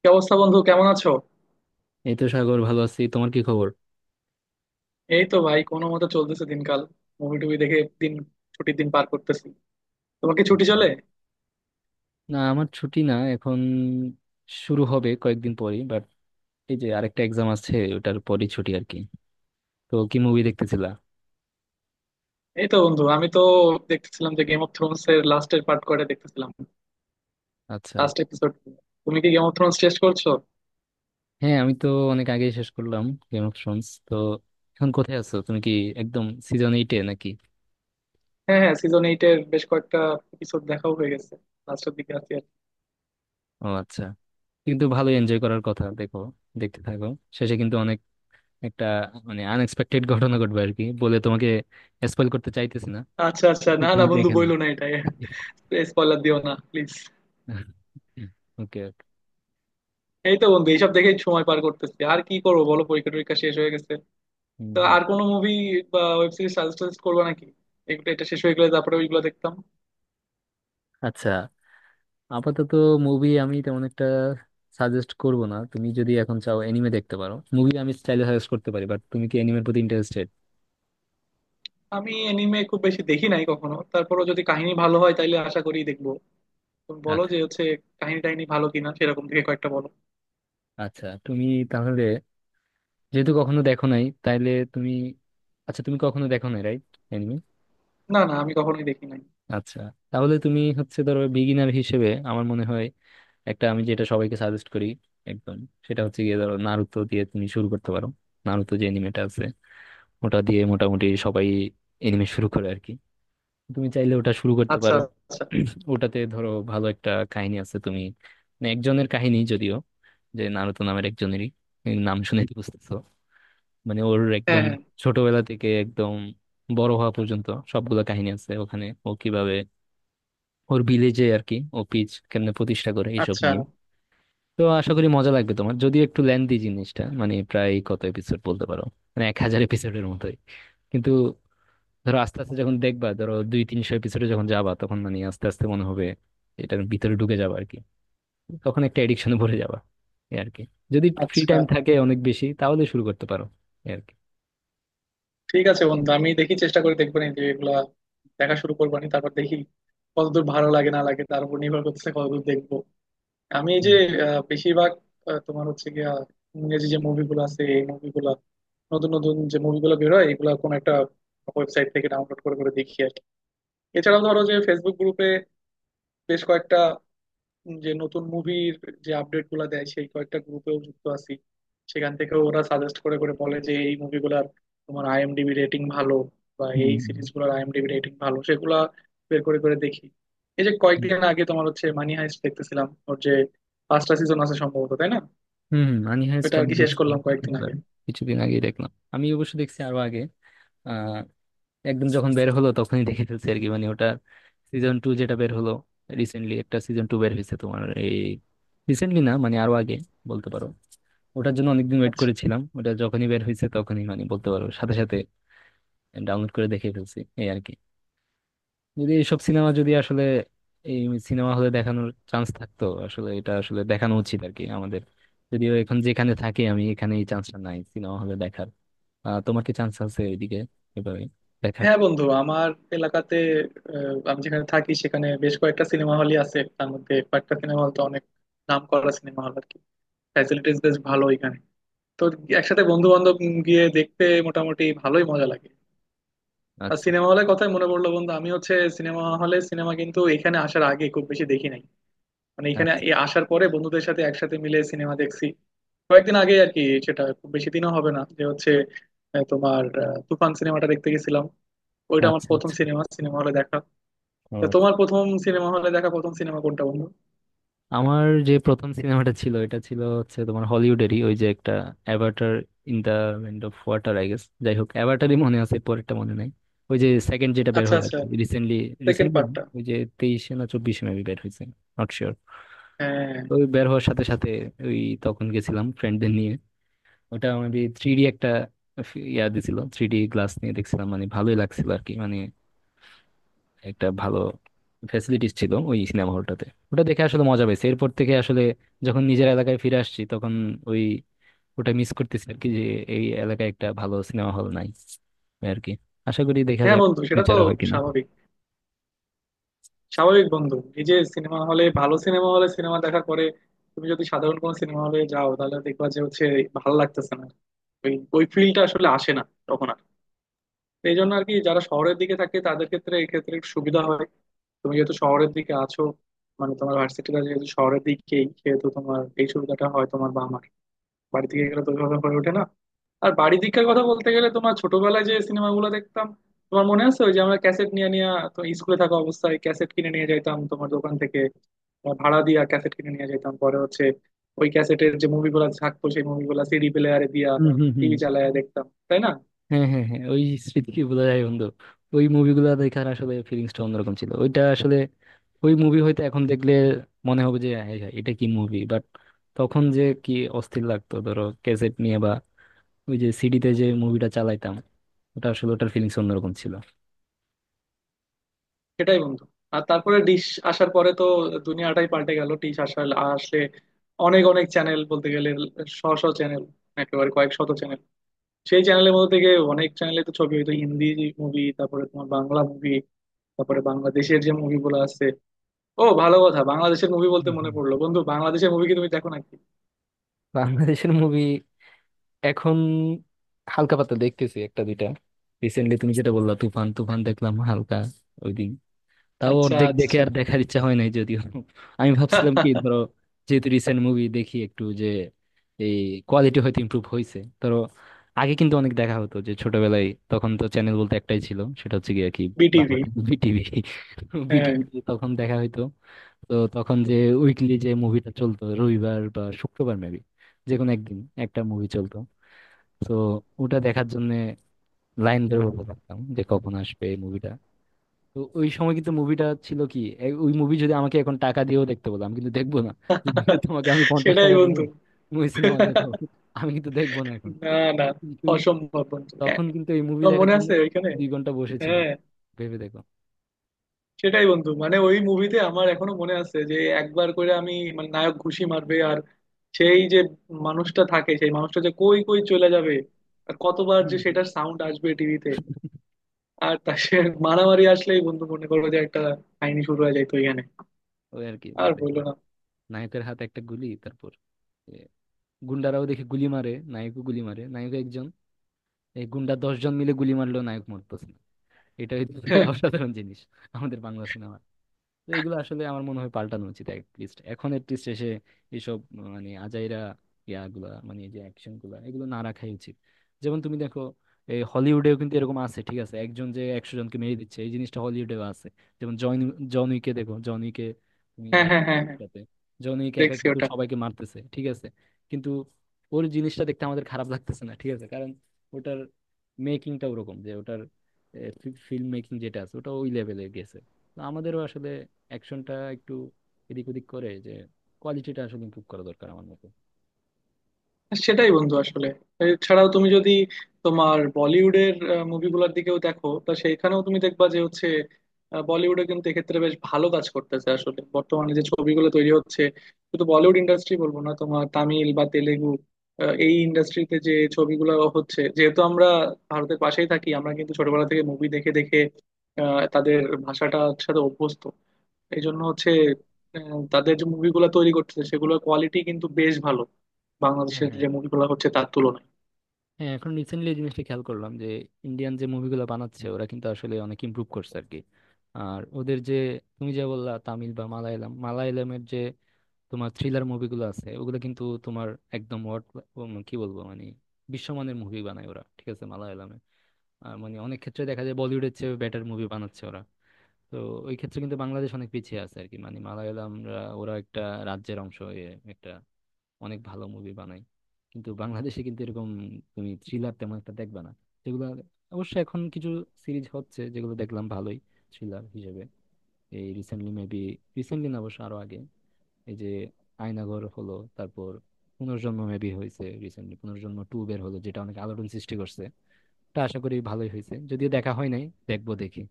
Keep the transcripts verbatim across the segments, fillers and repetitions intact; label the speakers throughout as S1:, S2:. S1: কি অবস্থা বন্ধু, কেমন আছো?
S2: এই তো সাগর, ভালো আছি। তোমার কি খবর?
S1: এই তো ভাই, কোনো মতে চলতেছে দিনকাল। মুভি টুভি দেখে দিন, ছুটির দিন পার করতেছি। তোমার কি ছুটি
S2: আচ্ছা।
S1: চলে?
S2: না, আমার ছুটি না এখন। শুরু হবে কয়েকদিন পরেই, বাট এই যে আরেকটা এক্সাম আছে, ওটার পরই ছুটি আর কি। তো কি মুভি দেখতেছিলা?
S1: এই তো বন্ধু, আমি তো দেখতেছিলাম যে গেম অফ থ্রোনস এর লাস্টের পার্ট কয়টা দেখতেছিলাম
S2: আচ্ছা।
S1: Last episode. তুমি কি গেম অফ থ্রোনস টেস্ট করছো?
S2: হ্যাঁ, আমি তো অনেক আগেই শেষ করলাম গেম অফ থ্রোনস তো। এখন কোথায় আছো তুমি? কি, একদম সিজন এইটে নাকি?
S1: হ্যাঁ হ্যাঁ, সিজন এইট এর বেশ কয়েকটা এপিসোড দেখাও হয়ে গেছে। লাস্টের দিকে আছি আর কি।
S2: ও আচ্ছা, কিন্তু ভালো এনজয় করার কথা। দেখো, দেখতে থাকো। শেষে কিন্তু অনেক একটা, মানে আনএক্সপেক্টেড ঘটনা ঘটবে আর কি। বলে তোমাকে স্পয়েল করতে চাইতেছি না।
S1: আচ্ছা আচ্ছা, না না
S2: তুমি
S1: বন্ধু,
S2: দেখে না।
S1: বইলো না এটা। স্পয়লার দিও না প্লিজ।
S2: ওকে।
S1: এই তো বন্ধু, এইসব দেখেই সময় পার করতেছি, আর কি করবো বলো, পরীক্ষা টরীক্ষা শেষ হয়ে গেছে।
S2: হুম,
S1: তো
S2: হুম।
S1: আর কোনো মুভি বা ওয়েব সিরিজ সাজেস্ট করবা নাকি? এগুলো এটা শেষ হয়ে গেলে তারপরে ওইগুলো দেখতাম।
S2: আচ্ছা, আপাতত মুভি আমি তেমন একটা সাজেস্ট করব না। তুমি যদি এখন চাও এনিমে দেখতে পারো। মুভি আমি স্টাইলে সাজেস্ট করতে পারি, বাট তুমি কি এনিমের প্রতি ইন্টারেস্টেড?
S1: আমি এনিমে খুব বেশি দেখি নাই কখনো, তারপরও যদি কাহিনী ভালো হয় তাইলে আশা করি দেখবো। তুমি বলো
S2: আচ্ছা
S1: যে হচ্ছে কাহিনী টাহিনী ভালো কিনা, সেরকম থেকে কয়েকটা বলো।
S2: আচ্ছা। তুমি তাহলে, যেহেতু কখনো দেখো নাই, তাহলে তুমি, আচ্ছা তুমি কখনো দেখো নাই রাইট? এনিমে?
S1: না না, আমি কখনোই দেখি নাই।
S2: আচ্ছা, তাহলে তুমি হচ্ছে ধরো বিগিনার হিসেবে, আমার মনে হয় একটা আমি যেটা সবাইকে সাজেস্ট করি একদম, সেটা হচ্ছে গিয়ে, ধরো নারুতো দিয়ে তুমি শুরু করতে পারো। নারুতো যে এনিমেটা আছে, ওটা দিয়ে মোটামুটি সবাই এনিমে শুরু করে আর কি। তুমি চাইলে ওটা শুরু করতে
S1: আচ্ছা
S2: পারো।
S1: আচ্ছা।
S2: ওটাতে ধরো ভালো একটা কাহিনী আছে। তুমি, মানে একজনের কাহিনী যদিও, যে নারুতো নামের একজনেরই, এই নাম শুনে তো বুঝতেছো, মানে ওর
S1: হ্যাঁ
S2: একদম
S1: হ্যাঁ।
S2: ছোটবেলা থেকে একদম বড় হওয়া পর্যন্ত সবগুলো কাহিনী আছে ওখানে। ও কিভাবে ওর ভিলেজে আর কি, ও পিচ কেমনে প্রতিষ্ঠা করে, এইসব
S1: আচ্ছা
S2: নিয়ে। তো আশা করি মজা লাগবে তোমার। যদিও একটু লেন্দি জিনিসটা, মানে প্রায় কত এপিসোড বলতে পারো, মানে এক হাজার এপিসোডের মতোই। কিন্তু ধরো আস্তে আস্তে যখন দেখবা, ধরো দুই তিনশো এপিসোডে যখন যাবা, তখন মানে আস্তে আস্তে মনে হবে এটার ভিতরে ঢুকে যাবা আর কি। তখন একটা এডিকশনে ভরে যাবা, এই আর কি। যদি ফ্রি
S1: আচ্ছা।
S2: টাইম থাকে অনেক বেশি তাহলে শুরু করতে পারো, এই আর কি।
S1: ঠিক আছে বন্ধু, আমি দেখি, চেষ্টা করে দেখবো নি যে এগুলা দেখা শুরু করবো নি, তারপর দেখি কতদূর ভালো লাগে না লাগে তার উপর নির্ভর করতেছে কতদূর দেখবো। আমি এই যে
S2: হুম
S1: আহ, বেশিরভাগ আহ, তোমার হচ্ছে গিয়া ইংরেজি যে মুভিগুলো আছে এই মুভিগুলা, নতুন নতুন যে মুভিগুলো বেরোয় এগুলা কোন একটা ওয়েবসাইট থেকে ডাউনলোড করে করে দেখি আর কি। এছাড়াও ধরো যে ফেসবুক গ্রুপে বেশ কয়েকটা, যে নতুন মুভির যে আপডেট গুলা দেয় সেই কয়েকটা গ্রুপেও যুক্ত আছি। সেখান থেকে ওরা সাজেস্ট করে করে বলে যে এই মুভিগুলার তোমার আইএমডিবি রেটিং ভালো বা এই
S2: হুম
S1: সিরিজ গুলার আইএমডিবি রেটিং ভালো, সেগুলা বের করে করে দেখি। এই যে
S2: হুম।
S1: কয়েকদিন আগে তোমার হচ্ছে মানি হাইস্ট দেখতেছিলাম, ওর যে পাঁচটা সিজন আছে সম্ভবত, তাই না?
S2: হুম, মানি হাইস্ট
S1: এটা আর
S2: আমি
S1: কি শেষ
S2: দেখছি
S1: করলাম কয়েকদিন
S2: একবার।
S1: আগে।
S2: কিছুদিন আগেই দেখলাম। আমি অবশ্য দেখছি আরো আগে, একদম যখন বের হলো তখনই দেখে ফেলছি আর কি। মানে ওটার সিজন টু যেটা বের হলো, রিসেন্টলি একটা সিজন টু বের হয়েছে তোমার এই, রিসেন্টলি না মানে আরো আগে বলতে পারো। ওটার জন্য অনেকদিন ওয়েট
S1: আচ্ছা।
S2: করেছিলাম, ওটা যখনই বের হয়েছে তখনই মানে বলতে পারো সাথে সাথে ডাউনলোড করে দেখে ফেলছি, এই আর কি। যদি এইসব সিনেমা যদি আসলে এই সিনেমা হলে দেখানোর চান্স থাকতো, আসলে এটা আসলে দেখানো উচিত আর কি আমাদের। যদিও এখন যেখানে থাকি আমি, এখানে এই চান্সটা নাই সিনেমা হলে দেখার। আহ তোমার কি চান্স আছে ওইদিকে, এভাবে দেখার?
S1: হ্যাঁ বন্ধু, আমার এলাকাতে, আহ, আমি যেখানে থাকি সেখানে বেশ কয়েকটা সিনেমা হলই আছে, তার মধ্যে কয়েকটা সিনেমা হল তো অনেক নাম করা সিনেমা হল আর কি। ফ্যাসিলিটিস বেশ ভালো এখানে। তো একসাথে বন্ধু বান্ধব গিয়ে দেখতে মোটামুটি ভালোই মজা লাগে। আর
S2: আচ্ছা
S1: সিনেমা হলের কথাই মনে পড়লো বন্ধু, আমি হচ্ছে সিনেমা হলে সিনেমা কিন্তু এখানে আসার আগে খুব বেশি দেখি নাই। মানে এখানে
S2: আচ্ছা।
S1: এ আসার পরে বন্ধুদের সাথে একসাথে মিলে সিনেমা দেখছি কয়েকদিন আগে আর কি। সেটা খুব বেশি দিনও হবে না, যে হচ্ছে আহ, তোমার আহ, তুফান সিনেমাটা দেখতে গেছিলাম। ওইটা আমার
S2: আচ্ছা
S1: প্রথম
S2: আচ্ছা।
S1: সিনেমা, সিনেমা হলে দেখা। তো
S2: ও,
S1: তোমার প্রথম সিনেমা হলে দেখা প্রথম সিনেমা কোনটা বন্ধু?
S2: আমার যে প্রথম সিনেমাটা ছিল, এটা ছিল হচ্ছে তোমার হলিউডেরই, ওই যে একটা Avatar, in the end of water I guess. যাই হোক, অ্যাভাটারই মনে আছে, পরেরটা মনে নাই। ওই যে সেকেন্ড যেটা বের
S1: আচ্ছা
S2: হলো
S1: আচ্ছা।
S2: রিসেন্টলি,
S1: সেকেন্ড
S2: রিসেন্টলি
S1: পার্টটা।
S2: ওই যে তেইশে না চব্বিশে মেবি বের হয়েছে, নট শিওর।
S1: হ্যাঁ
S2: ওই বের হওয়ার সাথে সাথে, ওই তখন গেছিলাম ফ্রেন্ডদের নিয়ে। ওটা মেবি থ্রি ডি একটা, ফি- ইয়া দিছিল, থ্রি ডি গ্লাস নিয়ে দেখছিলাম, মানে ভালোই লাগছিল আর কি। মানে একটা ভালো ফ্যাসিলিটিস ছিল ওই সিনেমা হলটাতে। ওটা দেখে আসলে মজা পাইছে। এরপর থেকে আসলে যখন নিজের এলাকায় ফিরে আসছি, তখন ওই ওটা মিস করতেছি আর কি, যে এই এলাকায় একটা ভালো সিনেমা হল নাই আর কি। আশা করি দেখা
S1: হ্যাঁ
S2: যাক
S1: বন্ধু, সেটা তো
S2: ফিউচারে হয় কিনা।
S1: স্বাভাবিক। স্বাভাবিক বন্ধু, এই যে সিনেমা হলে, ভালো সিনেমা হলে সিনেমা দেখার পরে তুমি যদি সাধারণ কোনো সিনেমা হলে যাও তাহলে দেখবা যে হচ্ছে ভালো লাগতেছে না, ওই ওই ফিলটা আসলে আসে না তখন আর। তো এই জন্য আর কি, যারা শহরের দিকে থাকে তাদের ক্ষেত্রে এই ক্ষেত্রে একটু সুবিধা হয়। তুমি যেহেতু শহরের দিকে আছো, মানে তোমার ভার্সিটিটা যেহেতু শহরের দিকেই, সেহেতু তোমার এই সুবিধাটা হয়। তোমার বা আমার বাড়ি থেকে গেলে তো ওইভাবে হয়ে ওঠে না। আর বাড়ির দিককার কথা বলতে গেলে, তোমার ছোটবেলায় যে সিনেমাগুলো দেখতাম, তোমার মনে আছে ওই যে আমরা ক্যাসেট নিয়ে নিয়ে, তো স্কুলে থাকা অবস্থায় ক্যাসেট কিনে নিয়ে যাইতাম তোমার দোকান থেকে, তোমার ভাড়া দিয়া ক্যাসেট কিনে নিয়ে যেতাম, পরে হচ্ছে ওই ক্যাসেটের যে মুভিগুলো থাকতো সেই মুভিগুলো সিডি প্লেয়ারে দিয়া
S2: হুম হুম হুম।
S1: টিভি চালায়া দেখতাম, তাই না?
S2: হ্যাঁ হ্যাঁ হ্যাঁ, ওই স্মৃতি কি বোঝা যায় বন্ধু? ওই মুভিগুলো দেখার আসলে ফিলিংসটা অন্যরকম ছিল ওইটা আসলে। ওই মুভি হয়তো এখন দেখলে মনে হবে যে হ্যাঁ হ্যাঁ, এটা কি মুভি, বাট তখন যে কি অস্থির লাগতো, ধরো ক্যাসেট নিয়ে বা ওই যে সিডিতে যে মুভিটা চালাইতাম, ওটা আসলে ওটার ফিলিংস অন্যরকম ছিল।
S1: সেটাই বন্ধু। আর তারপরে ডিশ আসার পরে তো দুনিয়াটাই পাল্টে গেল, ডিশ আসার আসলে অনেক অনেক চ্যানেল, বলতে গেলে শ শ চ্যানেল, একেবারে কয়েক শত চ্যানেল। সেই চ্যানেলের মধ্যে থেকে অনেক চ্যানেলে তো ছবি হইতো, হিন্দি মুভি, তারপরে তোমার বাংলা মুভি, তারপরে বাংলাদেশের যে মুভিগুলো আছে। ও ভালো কথা, বাংলাদেশের মুভি বলতে
S2: হুম,
S1: মনে
S2: হুম।
S1: পড়লো বন্ধু, বাংলাদেশের মুভি কি তুমি দেখো নাকি?
S2: বাংলাদেশের মুভি এখন হালকা পাতলা দেখতেছি একটা দুইটা। রিসেন্টলি তুমি যেটা বললা, তুফান, তুফান দেখলাম হালকা, ওই দিন। তাও
S1: আচ্ছা
S2: অর্ধেক দেখে
S1: আচ্ছা।
S2: আর দেখার ইচ্ছা হয় নাই যদিও। আমি ভাবছিলাম কি, ধরো যেহেতু রিসেন্ট মুভি দেখি একটু, যে এই কোয়ালিটি হয়তো ইমপ্রুভ হয়েছে ধরো। আগে কিন্তু অনেক দেখা হতো, যে ছোটবেলায় তখন তো চ্যানেল বলতে একটাই ছিল, সেটা হচ্ছে গিয়ে কি,
S1: বিটিভি।
S2: Bangla TV, BTV.
S1: হ্যাঁ
S2: বিটিভি তখন দেখা হইতো। তো তখন যে উইকলি যে মুভিটা চলতো রবিবার বা শুক্রবার মেবি, যে কোনো একদিন একটা মুভি চলতো। তো ওটা দেখার জন্য লাইন ধরে বসে থাকতাম, যে কখন আসবে এই মুভিটা। তো ওই সময় কিন্তু মুভিটা ছিল কি, এ- ওই মুভি যদি আমাকে এখন টাকা দিয়েও দেখতে বলো আমি কিন্তু দেখবো না। যদি তোমাকে আমি পঞ্চাশ
S1: সেটাই
S2: টাকা দিব,
S1: বন্ধু।
S2: তুমি ওই সিনেমা দেখো, আমি কিন্তু দেখবো না এখন।
S1: না না,
S2: কিন্তু
S1: অসম্ভব বন্ধু, হ্যাঁ,
S2: তখন কিন্তু এই মুভি
S1: তোমার
S2: দেখার
S1: মনে
S2: জন্য
S1: আছে ওইখানে?
S2: দুই ঘন্টা বসেছিলাম,
S1: হ্যাঁ
S2: ভেবে দেখো।
S1: সেটাই বন্ধু, মানে ওই মুভিতে আমার এখনো মনে আছে যে একবার করে আমি, মানে নায়ক ঘুষি মারবে, সেই যে মানুষটা থাকে সেই মানুষটা যে কই কই চলে যাবে, আর কতবার যে
S2: হম হম।
S1: সেটার সাউন্ড আসবে টিভিতে, আর তার সে মারামারি আসলেই বন্ধু মনে করো যে একটা কাহিনী শুরু হয়ে যায় তো এখানে,
S2: ওই আর কি, যে
S1: আর বললো
S2: দেখলাম
S1: না।
S2: নায়কের হাতে একটা গুলি, তারপর গুন্ডারাও দেখি গুলি মারে, নায়কও গুলি মারে, নায়ক একজন, এই গুন্ডা দশ জন মিলে গুলি মারলেও নায়ক মরতেছে না। এটা হচ্ছে অসাধারণ জিনিস আমাদের বাংলা সিনেমা। তো এগুলো আসলে আমার মনে হয় পাল্টানো উচিত অ্যাটলিস্ট এখন। অ্যাটলিস্ট এসে এসব, মানে আজাইরা ইয়াগুলা, মানে এই যে অ্যাকশন গুলা, এগুলো না রাখাই উচিত। যেমন তুমি দেখো, এই হলিউডেও কিন্তু এরকম আছে, ঠিক আছে, একজন যে একশো জনকে মেরে দিচ্ছে, এই জিনিসটা হলিউডেও আছে। যেমন জন, জন উইকে দেখো, জন উইকে তুমি
S1: হ্যাঁ
S2: দেখো,
S1: হ্যাঁ হ্যাঁ হ্যাঁ,
S2: যাতে জন উইক একা
S1: দেখছি
S2: কিন্তু
S1: ওটা।
S2: সবাইকে মারতেছে, ঠিক আছে? কিন্তু ওর জিনিসটা দেখতে আমাদের খারাপ লাগতেছে না, ঠিক আছে, কারণ ওটার মেকিংটা ওরকম, যে ওটার ফিল্ম মেকিং যেটা আছে ওটা ওই লেভেলে গেছে। তো আমাদেরও আসলে অ্যাকশনটা একটু এদিক ওদিক করে যে কোয়ালিটিটা আসলে ইমপ্রুভ করা দরকার, আমার মতে।
S1: সেটাই বন্ধু, আসলে এছাড়াও তুমি যদি তোমার বলিউডের আহ, মুভিগুলোর দিকেও দেখো তা সেইখানেও তুমি দেখবা যে হচ্ছে আহ, বলিউডে কিন্তু এক্ষেত্রে বেশ ভালো কাজ করতেছে, আসলে বর্তমানে যে ছবিগুলো তৈরি হচ্ছে শুধু বলিউড ইন্ডাস্ট্রি বলবো না, তোমার তামিল বা তেলেগু, আহ, এই ইন্ডাস্ট্রিতে যে ছবিগুলো হচ্ছে, যেহেতু আমরা ভারতের পাশেই থাকি আমরা কিন্তু ছোটবেলা থেকে মুভি দেখে দেখে আহ, তাদের ভাষাটার সাথে অভ্যস্ত। এই জন্য হচ্ছে আহ, তাদের যে মুভিগুলো তৈরি করতেছে সেগুলোর কোয়ালিটি কিন্তু বেশ ভালো
S2: হ্যাঁ
S1: বাংলাদেশের
S2: হ্যাঁ
S1: যে মুভিগুলো হচ্ছে তার তুলনায়।
S2: হ্যাঁ, এখন রিসেন্টলি এই জিনিসটা খেয়াল করলাম, যে ইন্ডিয়ান যে মুভিগুলো বানাচ্ছে ওরা কিন্তু আসলে অনেক ইমপ্রুভ করছে আর কি। আর ওদের যে, তুমি যা বললা, তামিল বা মালায়ালাম, মালায়ালামের যে তোমার থ্রিলার মুভিগুলো আছে, ওগুলো কিন্তু তোমার একদম what, উম, কি বলবো, মানে বিশ্বমানের মুভি বানায় ওরা, ঠিক আছে, মালায়ালামে। আর মানে অনেক ক্ষেত্রে দেখা যায় বলিউডের চেয়ে বেটার মুভি বানাচ্ছে ওরা। তো ওই ক্ষেত্রে কিন্তু বাংলাদেশ অনেক পিছিয়ে আছে আর কি। মানে মালায়ালামরা ওরা একটা রাজ্যের অংশ হয়ে একটা অনেক ভালো মুভি বানায়। কিন্তু বাংলাদেশে কিন্তু এরকম তুমি থ্রিলার তেমন একটা দেখবে না, যেগুলো, অবশ্য এখন কিছু সিরিজ হচ্ছে যেগুলো দেখলাম ভালোই থ্রিলার হিসেবে। এই রিসেন্টলি মেবি, রিসেন্টলি না অবশ্য আরো আগে, এই যে আয়নাঘর হলো, তারপর পুনর্জন্ম মেবি হয়েছে, রিসেন্টলি পুনর্জন্ম টু বের হলো, যেটা অনেক আলোড়ন সৃষ্টি করছে। তা আশা করি ভালোই হয়েছে, যদিও দেখা হয় নাই। দেখবো দেখি।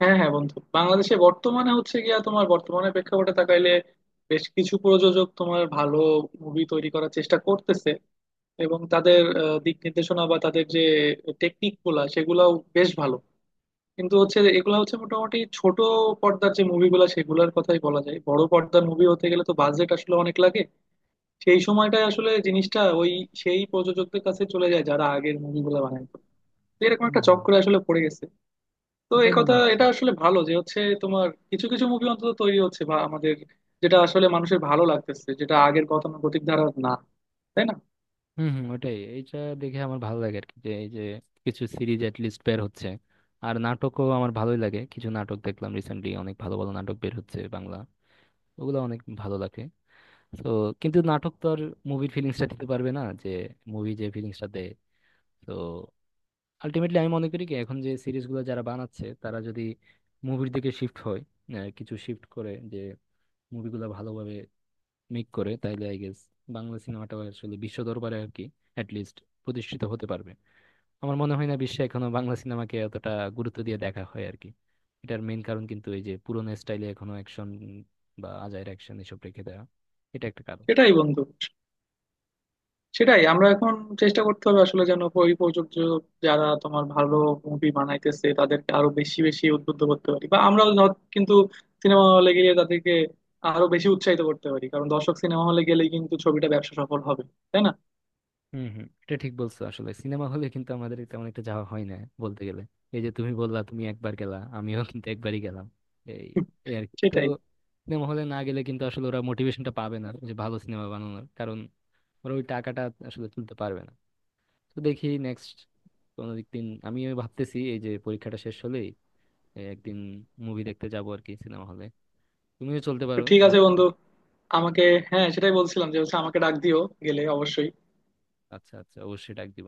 S1: হ্যাঁ হ্যাঁ বন্ধু, বাংলাদেশে বর্তমানে হচ্ছে গিয়া তোমার বর্তমানে প্রেক্ষাপটে তাকাইলে বেশ কিছু প্রযোজক তোমার ভালো মুভি তৈরি করার চেষ্টা করতেছে, এবং তাদের আহ, দিক নির্দেশনা বা তাদের যে টেকনিক গুলা সেগুলাও বেশ ভালো। কিন্তু হচ্ছে এগুলা হচ্ছে মোটামুটি ছোট পর্দার যে মুভিগুলা সেগুলোর কথাই বলা যায়, বড় পর্দার মুভি হতে গেলে তো বাজেট আসলে অনেক লাগে, সেই সময়টায় আসলে জিনিসটা ওই সেই প্রযোজকদের কাছে চলে যায় যারা আগের মুভিগুলো বানাইতো। তো এরকম
S2: হম
S1: একটা
S2: হম,
S1: চক্রে আসলে পড়ে গেছে। তো
S2: ওটাই
S1: এই কথা,
S2: মনে হচ্ছে।
S1: এটা আসলে ভালো যে হচ্ছে তোমার কিছু কিছু মুভি অন্তত তৈরি হচ্ছে বা আমাদের, যেটা আসলে মানুষের ভালো লাগতেছে, যেটা আগের গতানুগতিক ধারা না, তাই না?
S2: হম হম, ওটাই। এইটা দেখে আমার ভালো লাগে আর কি, যে এই যে কিছু সিরিজ এট লিস্ট বের হচ্ছে। আর নাটকও আমার ভালোই লাগে, কিছু নাটক দেখলাম রিসেন্টলি, অনেক ভালো ভালো নাটক বের হচ্ছে বাংলা, ওগুলো অনেক ভালো লাগে। তো কিন্তু নাটক তো আর মুভির ফিলিংসটা দিতে পারবে না, যে মুভি যে ফিলিংসটা দেয়। তো আলটিমেটলি আমি মনে করি কি, এখন যে সিরিজগুলো যারা বানাচ্ছে, তারা যদি মুভির দিকে শিফট হয়, আহ, কিছু শিফট করে, যে মুভিগুলো ভালোভাবে মেক করে, তাহলে আই গেস বাংলা সিনেমাটাও আসলে বিশ্ব দরবারে আর কি অ্যাট লিস্ট প্রতিষ্ঠিত হতে পারবে। আমার মনে হয় না বিশ্বে এখনো বাংলা সিনেমাকে এতটা গুরুত্ব দিয়ে দেখা হয় আর কি। এটার মেইন কারণ কিন্তু এই যে পুরোনো স্টাইলে এখনো অ্যাকশন বা আজাইর অ্যাকশন এসব রেখে দেওয়া, এটা একটা কারণ।
S1: সেটাই বন্ধু, সেটাই আমরা এখন চেষ্টা করতে হবে আসলে, যেন পরিপ্রেক্ষক যারা তোমার ভালো মুভি বানাইতেছে তাদেরকে আরো বেশি বেশি উদ্বুদ্ধ করতে পারি, বা আমরাও ধর কিন্তু সিনেমা হলে গিয়ে তাদেরকে আরো বেশি উৎসাহিত করতে পারি, কারণ দর্শক সিনেমা হলে গেলেই কিন্তু ছবিটা ব্যবসা সফল হবে, তাই না?
S2: হম হম, এটা ঠিক বলছো। আসলে সিনেমা হলে কিন্তু আমাদের তেমন একটা যাওয়া হয় না বলতে গেলে। এই যে তুমি বললা তুমি একবার গেলা, আমিও কিন্তু একবারই গেলাম এই, এই আর কি। তো
S1: সেটাই।
S2: সিনেমা হলে না গেলে কিন্তু আসলে ওরা মোটিভেশনটা পাবে না যে ভালো সিনেমা বানানোর, কারণ ওরা ওই টাকাটা আসলে তুলতে পারবে না। তো দেখি নেক্সট কোনো দিন, আমি ভাবতেছি এই যে পরীক্ষাটা শেষ হলেই এই একদিন মুভি দেখতে যাবো আর কি সিনেমা হলে। তুমিও চলতে
S1: তো
S2: পারো
S1: ঠিক
S2: আমার
S1: আছে
S2: সাথে।
S1: বন্ধু, আমাকে, হ্যাঁ সেটাই বলছিলাম যে হচ্ছে আমাকে ডাক দিও গেলে অবশ্যই।
S2: আচ্ছা আচ্ছা, অবশ্যই ডাক দিব।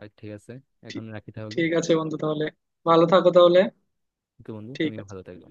S2: আর ঠিক আছে,
S1: ঠিক,
S2: এখন রাখি তাহলে।
S1: ঠিক আছে বন্ধু, তাহলে ভালো থাকো তাহলে।
S2: তো বন্ধু
S1: ঠিক
S2: তুমিও
S1: আছে।
S2: ভালো থাকবে।